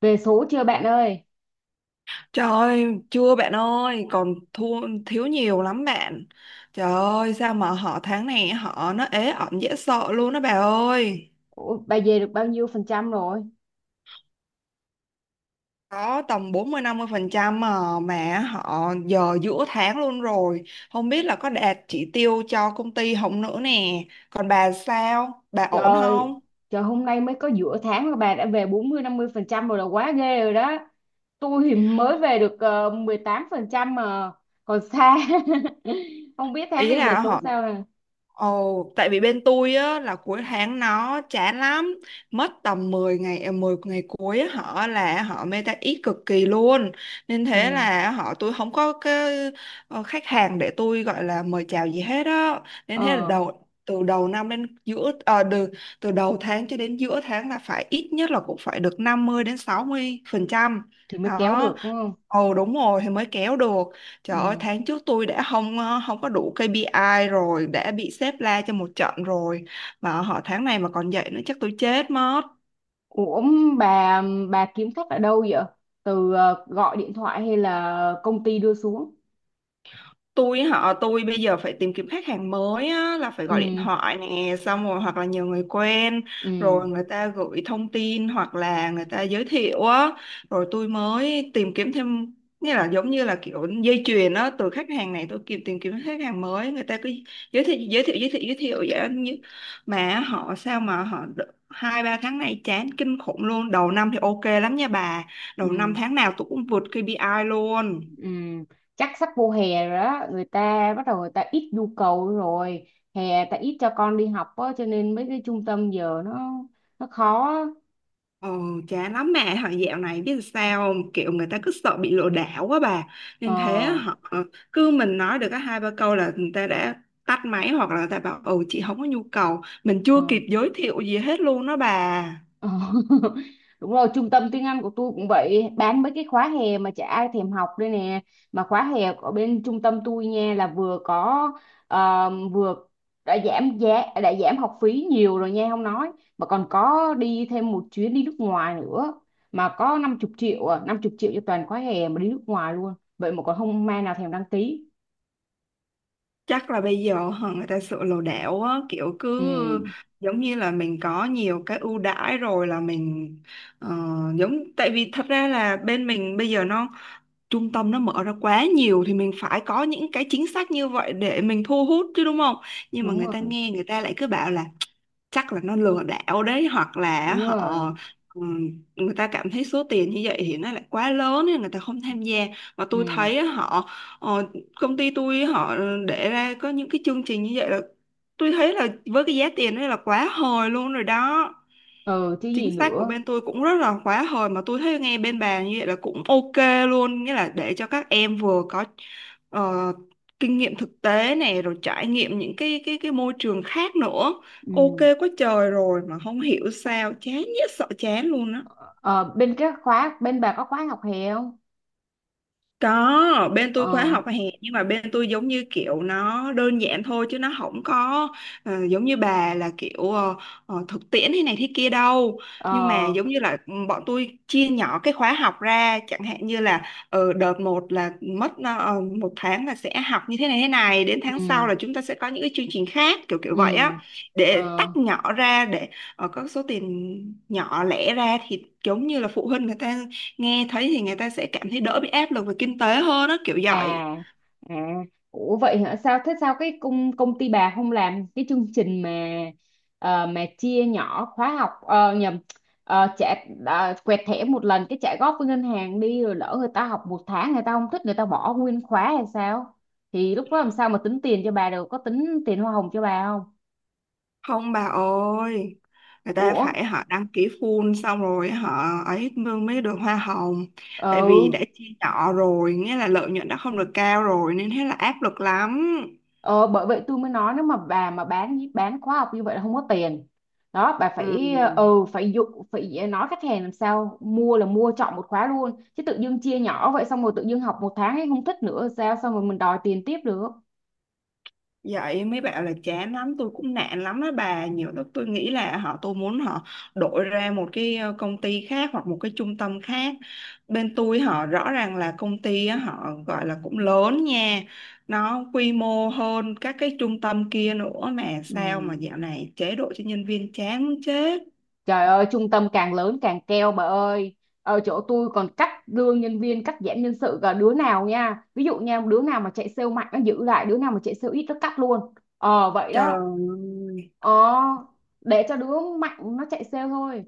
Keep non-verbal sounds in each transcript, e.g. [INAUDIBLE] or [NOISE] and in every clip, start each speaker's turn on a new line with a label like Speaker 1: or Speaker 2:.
Speaker 1: Về số chưa bạn ơi?
Speaker 2: Trời ơi, chưa bạn ơi, còn thua thiếu nhiều lắm bạn. Trời ơi, sao mà họ tháng này họ nó ế ẩm dễ sợ luôn đó bà ơi.
Speaker 1: Ủa, bà về được bao nhiêu phần trăm rồi?
Speaker 2: Có tầm bốn mươi mươi năm phần trăm mà họ giờ giữa tháng luôn rồi. Không biết là có đạt chỉ tiêu cho công ty không nữa nè. Còn bà sao? Bà ổn
Speaker 1: Trời
Speaker 2: không?
Speaker 1: trời hôm nay mới có giữa tháng mà bà đã về bốn mươi năm mươi phần trăm rồi là quá ghê rồi đó. Tôi thì mới về được 18 phần trăm mà còn xa. [LAUGHS] Không biết tháng
Speaker 2: Ý
Speaker 1: này về
Speaker 2: là
Speaker 1: số
Speaker 2: họ
Speaker 1: sao nè.
Speaker 2: Ồ, tại vì bên tôi á là cuối tháng nó chán lắm, mất tầm 10 ngày cuối á, họ là họ meta ít cực kỳ luôn. Nên thế
Speaker 1: Ừ.
Speaker 2: là họ tôi không có cái khách hàng để tôi gọi là mời chào gì hết á. Nên thế là
Speaker 1: Ờ
Speaker 2: từ đầu năm đến giữa từ đầu tháng cho đến giữa tháng là phải ít nhất là cũng phải được 50% đến 60%.
Speaker 1: thì mới kéo
Speaker 2: Đó.
Speaker 1: được đúng không?
Speaker 2: Ồ đúng rồi thì mới kéo được. Trời ơi,
Speaker 1: Ừ.
Speaker 2: tháng trước tôi đã không có đủ KPI rồi, đã bị sếp la cho một trận rồi. Mà họ tháng này mà còn vậy nữa chắc tôi chết mất.
Speaker 1: Ủa, bà bà kiếm khách ở đâu vậy? Từ gọi điện thoại hay là công ty đưa xuống?
Speaker 2: Tôi bây giờ phải tìm kiếm khách hàng mới á, là phải gọi điện
Speaker 1: Ừ.
Speaker 2: thoại nè, xong rồi hoặc là nhờ người quen,
Speaker 1: Ừ.
Speaker 2: rồi người ta gửi thông tin hoặc là người ta giới thiệu á, rồi tôi mới tìm kiếm thêm. Nghĩa là giống như là kiểu dây chuyền á, từ khách hàng này tôi kịp tìm kiếm khách hàng mới, người ta cứ giới thiệu giới thiệu giới thiệu giới thiệu vậy á. Mà họ sao mà họ hai ba tháng nay chán kinh khủng luôn. Đầu năm thì ok lắm nha bà, đầu năm
Speaker 1: Ừ.
Speaker 2: tháng nào tôi cũng vượt KPI luôn.
Speaker 1: Ừm, Chắc sắp vô hè rồi đó, người ta bắt đầu người ta ít nhu cầu rồi, hè ta ít cho con đi học á, cho nên mấy cái trung tâm giờ nó khó á.
Speaker 2: Ờ, chán lắm mẹ thằng dạo này biết sao không? Kiểu người ta cứ sợ bị lừa đảo quá bà, nên thế
Speaker 1: Ờ
Speaker 2: họ cứ mình nói được cái hai ba câu là người ta đã tắt máy, hoặc là người ta bảo ừ chị không có nhu cầu, mình
Speaker 1: ờ.
Speaker 2: chưa kịp giới thiệu gì hết luôn đó bà.
Speaker 1: Ờ. [LAUGHS] Đúng rồi, trung tâm tiếng Anh của tôi cũng vậy, bán mấy cái khóa hè mà chả ai thèm học đây nè. Mà khóa hè ở bên trung tâm tôi nha là vừa có vừa đã giảm giá, đã giảm học phí nhiều rồi nha không nói, mà còn có đi thêm một chuyến đi nước ngoài nữa, mà có 50 triệu à, 50 triệu cho toàn khóa hè mà đi nước ngoài luôn. Vậy mà còn không ai nào thèm đăng ký.
Speaker 2: Chắc là bây giờ hả, người ta sợ lừa đảo á, kiểu
Speaker 1: Ừ,
Speaker 2: cứ giống như là mình có nhiều cái ưu đãi rồi là mình ờ, giống, tại vì thật ra là bên mình bây giờ nó, trung tâm nó mở ra quá nhiều thì mình phải có những cái chính sách như vậy để mình thu hút chứ, đúng không? Nhưng mà
Speaker 1: đúng
Speaker 2: người ta
Speaker 1: rồi,
Speaker 2: nghe người ta lại cứ bảo là chắc là nó lừa đảo đấy, hoặc là
Speaker 1: đúng rồi.
Speaker 2: họ người ta cảm thấy số tiền như vậy thì nó lại quá lớn nên người ta không tham gia. Mà tôi
Speaker 1: Ừ,
Speaker 2: thấy á, họ ờ, công ty tôi họ để ra có những cái chương trình như vậy là tôi thấy là với cái giá tiền đó là quá hời luôn rồi đó.
Speaker 1: ừ chứ gì
Speaker 2: Chính sách của
Speaker 1: nữa.
Speaker 2: bên tôi cũng rất là khóa hồi mà tôi thấy nghe bên bà như vậy là cũng ok luôn, nghĩa là để cho các em vừa có ờ, kinh nghiệm thực tế này, rồi trải nghiệm những cái môi trường khác nữa.
Speaker 1: Ừ.
Speaker 2: Ok quá trời rồi mà không hiểu sao chán nhất sợ chán luôn á.
Speaker 1: Ờ, bên cái khóa bên bà có khóa học hè không?
Speaker 2: Có, bên tôi khóa
Speaker 1: Ờ
Speaker 2: học hè, nhưng mà bên tôi giống như kiểu nó đơn giản thôi chứ nó không có giống như bà là kiểu thực tiễn thế này thế kia đâu. Nhưng mà
Speaker 1: ờ
Speaker 2: giống như là bọn tôi chia nhỏ cái khóa học ra, chẳng hạn như là đợt một là mất một tháng là sẽ học như thế này thế này, đến tháng sau
Speaker 1: ừ
Speaker 2: là chúng ta sẽ có những cái chương trình khác kiểu kiểu
Speaker 1: ừ
Speaker 2: vậy á, để
Speaker 1: ờ
Speaker 2: tách nhỏ ra để có số tiền nhỏ lẻ ra thì giống như là phụ huynh người ta nghe thấy thì người ta sẽ cảm thấy đỡ bị áp lực về kinh tế hơn đó kiểu vậy.
Speaker 1: à à. Ủa vậy hả? Sao thế, sao cái công công ty bà không làm cái chương trình mà mà chia nhỏ khóa học nhầm trả quẹt thẻ một lần cái trả góp với ngân hàng đi, rồi lỡ người ta học một tháng người ta không thích người ta bỏ nguyên khóa hay sao? Thì lúc đó làm sao mà tính tiền cho bà được? Có tính tiền hoa hồng cho bà không?
Speaker 2: Không bà ơi, người ta
Speaker 1: Ủa?
Speaker 2: phải họ đăng ký full xong rồi họ ấy mới mới được hoa hồng. Tại vì đã
Speaker 1: Ừ.
Speaker 2: chia nhỏ rồi nghĩa là lợi nhuận đã không được cao rồi nên thế là áp lực lắm.
Speaker 1: Ờ, bởi vậy tôi mới nói nếu mà bà mà bán khóa học như vậy là không có tiền. Đó bà
Speaker 2: Ừ.
Speaker 1: phải phải dụ, phải nói khách hàng làm sao mua là mua chọn một khóa luôn chứ tự dưng chia nhỏ vậy, xong rồi tự dưng học một tháng ấy không thích nữa sao, xong rồi mình đòi tiền tiếp được.
Speaker 2: Vậy mấy bạn là chán lắm, tôi cũng nản lắm đó bà. Nhiều lúc tôi nghĩ là họ tôi muốn họ đổi ra một cái công ty khác hoặc một cái trung tâm khác. Bên tôi họ rõ ràng là công ty á, họ gọi là cũng lớn nha. Nó quy mô hơn các cái trung tâm kia nữa mà
Speaker 1: Ừ.
Speaker 2: sao mà dạo này chế độ cho nhân viên chán muốn chết.
Speaker 1: Trời ơi, trung tâm càng lớn càng keo bà ơi. Ở chỗ tôi còn cắt lương nhân viên, cắt giảm nhân sự, cả đứa nào nha, ví dụ nha, đứa nào mà chạy sale mạnh nó giữ lại, đứa nào mà chạy sale ít nó cắt luôn, ờ vậy
Speaker 2: Trời
Speaker 1: đó.
Speaker 2: ơi,
Speaker 1: Ờ, để cho đứa mạnh nó chạy sale thôi.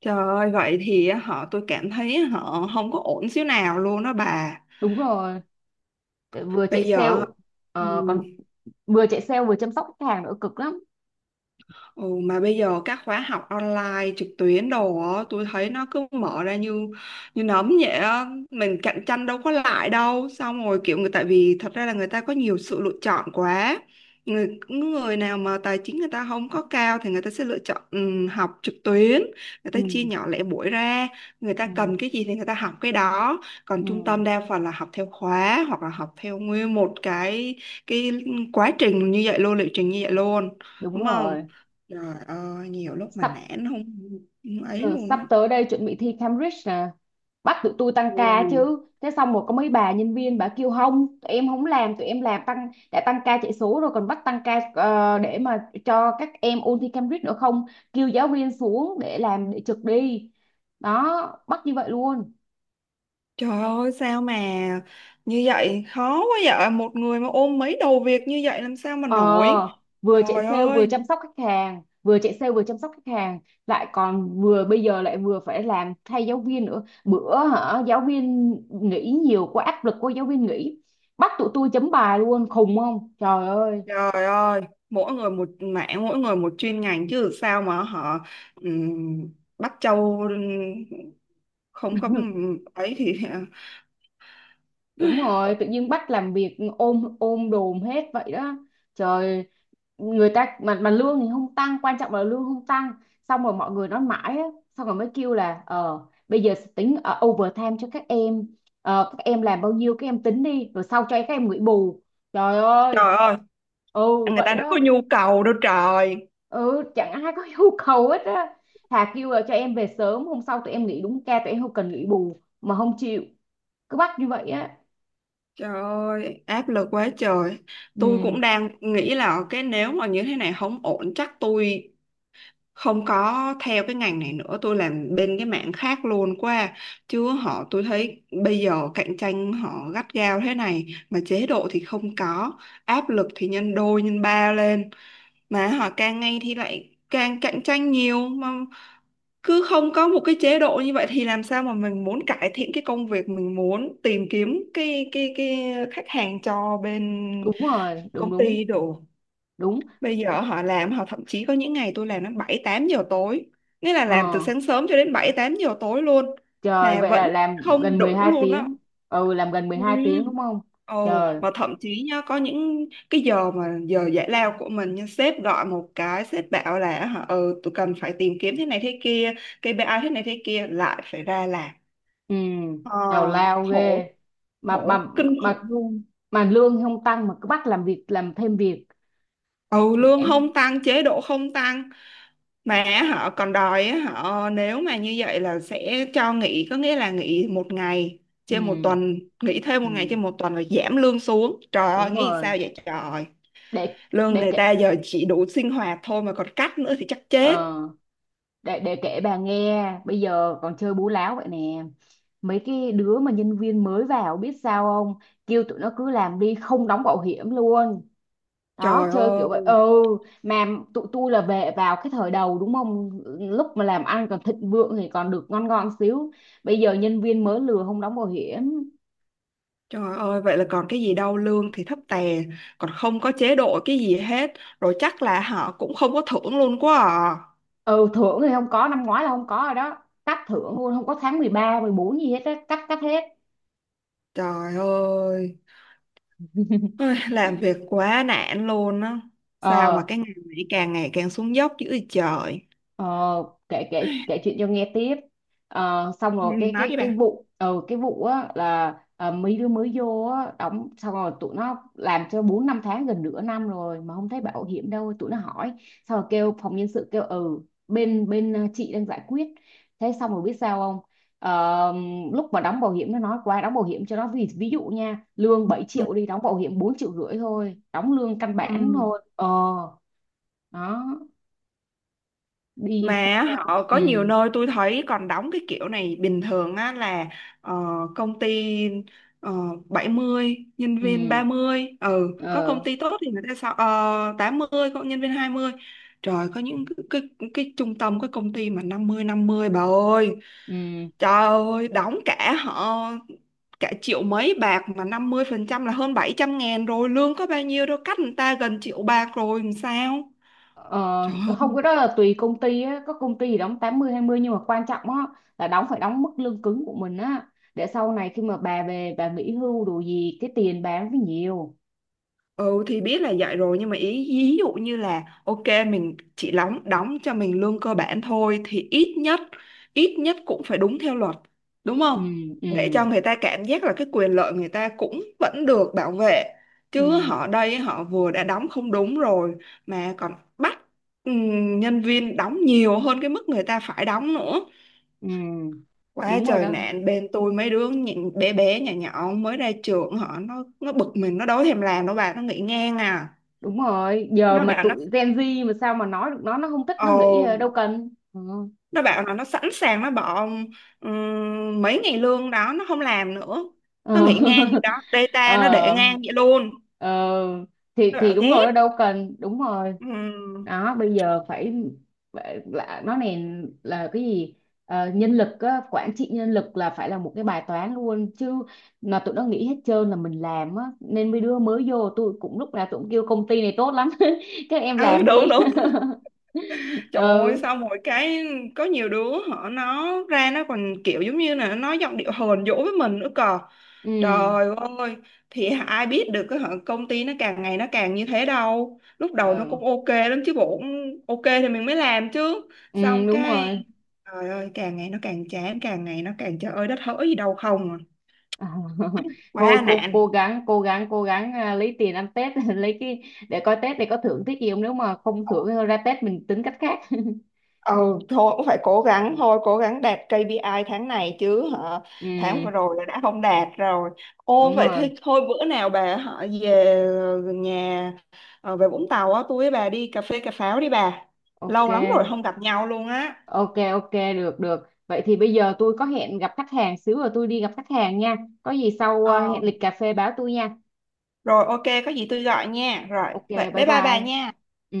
Speaker 2: trời ơi, vậy thì họ tôi cảm thấy họ không có ổn xíu nào luôn đó bà.
Speaker 1: Đúng rồi, vừa chạy
Speaker 2: Bây
Speaker 1: sale,
Speaker 2: giờ ừ,
Speaker 1: còn vừa chạy sale vừa chăm sóc khách hàng nữa, cực lắm.
Speaker 2: Ừ, Mà bây giờ các khóa học online trực tuyến đồ á, tôi thấy nó cứ mở ra như như nấm vậy á, mình cạnh tranh đâu có lại đâu. Xong rồi kiểu người, tại vì thật ra là người ta có nhiều sự lựa chọn quá. Người Người nào mà tài chính người ta không có cao thì người ta sẽ lựa chọn học trực tuyến, người ta chia
Speaker 1: Ừ,
Speaker 2: nhỏ lẻ buổi ra, người ta
Speaker 1: ừ,
Speaker 2: cần cái gì thì người ta học cái đó. Còn trung
Speaker 1: ừ,
Speaker 2: tâm đa phần là học theo khóa hoặc là học theo nguyên một cái quá trình như vậy luôn, liệu trình như vậy luôn,
Speaker 1: đúng
Speaker 2: đúng không?
Speaker 1: rồi.
Speaker 2: Trời ơi, nhiều lúc mà
Speaker 1: sắp
Speaker 2: nản không, không ấy
Speaker 1: giờ
Speaker 2: luôn
Speaker 1: sắp
Speaker 2: á.
Speaker 1: tới đây chuẩn bị thi Cambridge nè, bắt tụi tôi tăng
Speaker 2: Ừ.
Speaker 1: ca chứ thế, xong rồi có mấy bà nhân viên bà kêu không, tụi em không làm, tụi em làm tăng đã tăng ca chạy số rồi còn bắt tăng ca để mà cho các em ôn thi Cambridge nữa không, kêu giáo viên xuống để làm để trực đi. Đó, bắt như vậy luôn.
Speaker 2: Trời ơi sao mà như vậy khó quá vậy, một người mà ôm mấy đầu việc như vậy làm sao mà
Speaker 1: Ờ,
Speaker 2: nổi.
Speaker 1: vừa chạy
Speaker 2: Trời
Speaker 1: sale vừa
Speaker 2: ơi,
Speaker 1: chăm sóc khách hàng, vừa chạy sale vừa chăm sóc khách hàng, lại còn vừa bây giờ lại vừa phải làm thay giáo viên nữa. Bữa hả, giáo viên nghỉ nhiều quá, áp lực của giáo viên nghỉ, bắt tụi tôi chấm bài luôn, khùng không? Trời ơi.
Speaker 2: trời ơi, mỗi người một mảng, mỗi người một chuyên ngành chứ, sao mà họ ừm, bắt châu không có
Speaker 1: [LAUGHS]
Speaker 2: ấy thì
Speaker 1: Đúng
Speaker 2: [LAUGHS]
Speaker 1: rồi, tự nhiên bắt làm việc ôm ôm đồm hết vậy đó. Trời, người ta mà lương thì không tăng, quan trọng là lương không tăng, xong rồi mọi người nói mãi á, xong rồi mới kêu là ờ bây giờ tính overtime cho các em. Ờ, các em làm bao nhiêu các em tính đi rồi sau cho các em nghỉ bù. Trời ơi.
Speaker 2: trời ơi,
Speaker 1: Ừ
Speaker 2: người
Speaker 1: vậy
Speaker 2: ta đâu có
Speaker 1: đó.
Speaker 2: nhu cầu đâu trời.
Speaker 1: Ừ chẳng ai có [LAUGHS] nhu cầu hết á. Thà kêu là cho em về sớm, hôm sau tụi em nghỉ đúng ca, tụi em không cần nghỉ bù mà không chịu, cứ bắt như vậy á.
Speaker 2: Trời ơi, áp lực quá trời. Tôi
Speaker 1: Ừ,
Speaker 2: cũng đang nghĩ là cái nếu mà như thế này không ổn chắc tôi không có theo cái ngành này nữa, tôi làm bên cái mảng khác luôn qua. Chứ họ tôi thấy bây giờ cạnh tranh họ gắt gao thế này mà chế độ thì không có, áp lực thì nhân đôi nhân ba lên, mà họ càng ngày thì lại càng cạnh tranh nhiều, mà cứ không có một cái chế độ như vậy thì làm sao mà mình muốn cải thiện cái công việc, mình muốn tìm kiếm cái khách hàng cho bên
Speaker 1: đúng rồi, đúng
Speaker 2: công
Speaker 1: đúng.
Speaker 2: ty đủ.
Speaker 1: Đúng.
Speaker 2: Bây giờ họ làm họ thậm chí có những ngày tôi làm đến 7-8 giờ tối, nghĩa là
Speaker 1: Ờ
Speaker 2: làm từ sáng sớm cho đến 7-8 giờ tối luôn
Speaker 1: trời,
Speaker 2: mà
Speaker 1: vậy là
Speaker 2: vẫn
Speaker 1: làm
Speaker 2: không
Speaker 1: gần mười
Speaker 2: đủ
Speaker 1: hai
Speaker 2: luôn á.
Speaker 1: tiếng. Ừ, làm gần mười hai tiếng đúng
Speaker 2: Ừ.
Speaker 1: không.
Speaker 2: Ồ,
Speaker 1: Trời.
Speaker 2: mà thậm chí nhá, có những cái giờ mà giờ giải lao của mình nhưng sếp gọi một cái sếp bảo là hả, tụi cần phải tìm kiếm thế này thế kia, KPI thế này thế kia lại phải ra làm
Speaker 1: Ừ,
Speaker 2: ờ,
Speaker 1: tào lao ghê.
Speaker 2: khổ
Speaker 1: mà mà
Speaker 2: khổ kinh khủng
Speaker 1: mà
Speaker 2: luôn.
Speaker 1: mà lương không tăng mà cứ bắt làm việc làm thêm việc.
Speaker 2: Ừ, lương
Speaker 1: Nhẽm.
Speaker 2: không tăng, chế độ không tăng, mà họ còn đòi á, họ nếu mà như vậy là sẽ cho nghỉ, có nghĩa là nghỉ một ngày trên một
Speaker 1: Ừ.
Speaker 2: tuần, nghỉ thêm một ngày
Speaker 1: Ừ
Speaker 2: trên một tuần rồi giảm lương xuống, trời ơi
Speaker 1: đúng
Speaker 2: nghĩ
Speaker 1: rồi.
Speaker 2: sao vậy trời.
Speaker 1: để
Speaker 2: Lương
Speaker 1: để
Speaker 2: người
Speaker 1: kể
Speaker 2: ta giờ chỉ đủ sinh hoạt thôi mà còn cắt nữa thì chắc chết.
Speaker 1: ờ để kể bà nghe bây giờ còn chơi bú láo vậy nè. Mấy cái đứa mà nhân viên mới vào biết sao không, kêu tụi nó cứ làm đi không đóng bảo hiểm luôn. Đó,
Speaker 2: Trời
Speaker 1: chơi kiểu vậy.
Speaker 2: ơi,
Speaker 1: Ừ, mà tụi tôi là về vào cái thời đầu đúng không, lúc mà làm ăn còn thịnh vượng thì còn được ngon ngon xíu, bây giờ nhân viên mới lừa không đóng bảo hiểm.
Speaker 2: trời ơi, vậy là còn cái gì đâu, lương thì thấp tè, còn không có chế độ cái gì hết, rồi chắc là họ cũng không có thưởng luôn quá à.
Speaker 1: Ừ, thưởng thì không có, năm ngoái là không có rồi đó, cắt thưởng luôn, không có tháng mười ba mười bốn gì hết á, cắt cắt hết.
Speaker 2: Trời ơi. Ôi, làm việc quá nản luôn á. Sao mà
Speaker 1: Ờ.
Speaker 2: cái ngành này càng ngày càng xuống dốc dữ vậy trời.
Speaker 1: Ờ, kể kể kể chuyện cho nghe tiếp. Ờ, xong
Speaker 2: Ừ,
Speaker 1: rồi cái
Speaker 2: nói
Speaker 1: cái
Speaker 2: đi
Speaker 1: cái
Speaker 2: bà.
Speaker 1: vụ cái vụ á là ờ, mấy đứa mới vô á đóng xong rồi tụi nó làm cho bốn năm tháng, gần nửa năm rồi mà không thấy bảo hiểm đâu, tụi nó hỏi, xong rồi kêu phòng nhân sự kêu ừ bên bên ờ, chị đang giải quyết. Thế xong rồi biết sao không, ờ, lúc mà đóng bảo hiểm nó nói qua đóng bảo hiểm cho nó, ví dụ nha lương 7
Speaker 2: Ừ.
Speaker 1: triệu đi, đóng bảo hiểm 4 triệu rưỡi thôi, đóng lương căn
Speaker 2: Ừ.
Speaker 1: bản thôi ờ. Đó đi sao
Speaker 2: Mà
Speaker 1: sao
Speaker 2: họ có
Speaker 1: ừ
Speaker 2: nhiều nơi tôi thấy còn đóng cái kiểu này bình thường á, là ờ, công ty ờ, 70 nhân viên
Speaker 1: ừ
Speaker 2: ba mươi, có công
Speaker 1: ờ
Speaker 2: ty tốt thì người ta sao 80 có nhân viên hai mươi. Trời, có những cái trung tâm cái công ty mà 50/50 bà ơi.
Speaker 1: ừ
Speaker 2: Trời ơi đóng cả triệu mấy bạc mà 50% là hơn 700.000 rồi, lương có bao nhiêu đâu, cắt người ta gần triệu bạc rồi làm sao.
Speaker 1: ờ,
Speaker 2: Trời.
Speaker 1: không cái đó là tùy công ty á, có công ty thì đóng tám mươi hai mươi, nhưng mà quan trọng á là đóng phải đóng mức lương cứng của mình á, để sau này khi mà bà về bà nghỉ hưu đồ gì cái tiền bà nó phải nhiều.
Speaker 2: Ừ thì biết là vậy rồi nhưng mà ý ví dụ như là ok, mình chỉ đóng đóng cho mình lương cơ bản thôi thì ít nhất, ít nhất cũng phải đúng theo luật, đúng
Speaker 1: Ừ
Speaker 2: không?
Speaker 1: ừ
Speaker 2: Để cho người ta cảm giác là cái quyền lợi người ta cũng vẫn được bảo vệ, chứ
Speaker 1: ừ
Speaker 2: họ đây họ vừa đã đóng không đúng rồi mà còn bắt nhân viên đóng nhiều hơn cái mức người ta phải đóng nữa.
Speaker 1: ừ
Speaker 2: Quá
Speaker 1: đúng rồi
Speaker 2: trời
Speaker 1: đó.
Speaker 2: nạn bên tôi, mấy đứa nhìn bé bé nhỏ nhỏ mới ra trường họ nó bực mình, nó đâu thèm làm đâu bà, nó nghỉ ngang à.
Speaker 1: Đúng rồi, giờ
Speaker 2: nó
Speaker 1: mà
Speaker 2: bảo nó
Speaker 1: tụi Gen Z mà sao mà nói được, nó không thích, nó
Speaker 2: ồ
Speaker 1: nghĩ ờ, đâu cần ừ.
Speaker 2: nó bảo là nó sẵn sàng nó bỏ mấy ngày lương đó nó không làm nữa,
Speaker 1: Ờ.
Speaker 2: nó nghỉ ngang vậy
Speaker 1: [LAUGHS]
Speaker 2: đó,
Speaker 1: Ờ
Speaker 2: data nó để ngang vậy luôn.
Speaker 1: ờ,
Speaker 2: Nó
Speaker 1: thì
Speaker 2: bảo
Speaker 1: đúng rồi
Speaker 2: ghét.
Speaker 1: đó, đâu cần, đúng rồi
Speaker 2: Ừm,
Speaker 1: đó. Bây giờ phải là nó này là cái gì. Ờ, nhân lực á, quản trị nhân lực là phải là một cái bài toán luôn chứ, mà tụi nó nghĩ hết trơn là mình làm á, nên mấy đứa mới vô tôi cũng lúc nào tụi cũng kêu công ty này tốt lắm [LAUGHS] các em
Speaker 2: ừ,
Speaker 1: làm đi.
Speaker 2: đúng đúng.
Speaker 1: [LAUGHS]
Speaker 2: Trời ơi
Speaker 1: Ừ
Speaker 2: sao mỗi cái, có nhiều đứa họ nó ra nó còn kiểu giống như là nó nói giọng điệu hờn dỗi với mình nữa cờ,
Speaker 1: ừ
Speaker 2: trời ơi, thì ai biết được cái họ công ty nó càng ngày nó càng như thế đâu, lúc đầu nó
Speaker 1: ừ
Speaker 2: cũng ok lắm chứ bộ, cũng ok thì mình mới làm chứ,
Speaker 1: ừ,
Speaker 2: xong
Speaker 1: đúng
Speaker 2: cái.
Speaker 1: rồi.
Speaker 2: Trời ơi, càng ngày nó càng chán, càng ngày nó càng trời ơi đất hỡi gì đâu không à.
Speaker 1: À, [LAUGHS] thôi
Speaker 2: Quá
Speaker 1: cô
Speaker 2: nạn.
Speaker 1: cố gắng, cố gắng à, lấy tiền ăn Tết [LAUGHS] lấy cái, để coi Tết để có thưởng Tết gì không, nếu mà không thưởng thì thôi ra Tết mình tính cách khác.
Speaker 2: Ừ thôi cũng phải cố gắng, thôi cố gắng đạt KPI tháng này chứ hả.
Speaker 1: [LAUGHS] Ừ
Speaker 2: Tháng vừa rồi là đã không đạt rồi. Ô
Speaker 1: đúng
Speaker 2: vậy
Speaker 1: rồi.
Speaker 2: thì thôi bữa nào bà họ về nhà về Vũng Tàu á, tôi với bà đi cà phê cà pháo đi bà,
Speaker 1: Ok
Speaker 2: lâu lắm rồi không gặp nhau luôn á.
Speaker 1: ok Ok, được được, vậy thì bây giờ tôi có hẹn gặp khách hàng xíu rồi, tôi đi gặp khách hàng nha. Có gì sau à,
Speaker 2: ờ
Speaker 1: hẹn lịch cà phê báo tôi nha.
Speaker 2: Rồi ok, có gì tôi gọi nha, rồi
Speaker 1: Ok,
Speaker 2: vậy
Speaker 1: bye
Speaker 2: bye
Speaker 1: bye.
Speaker 2: bye bà nha.
Speaker 1: Ừ.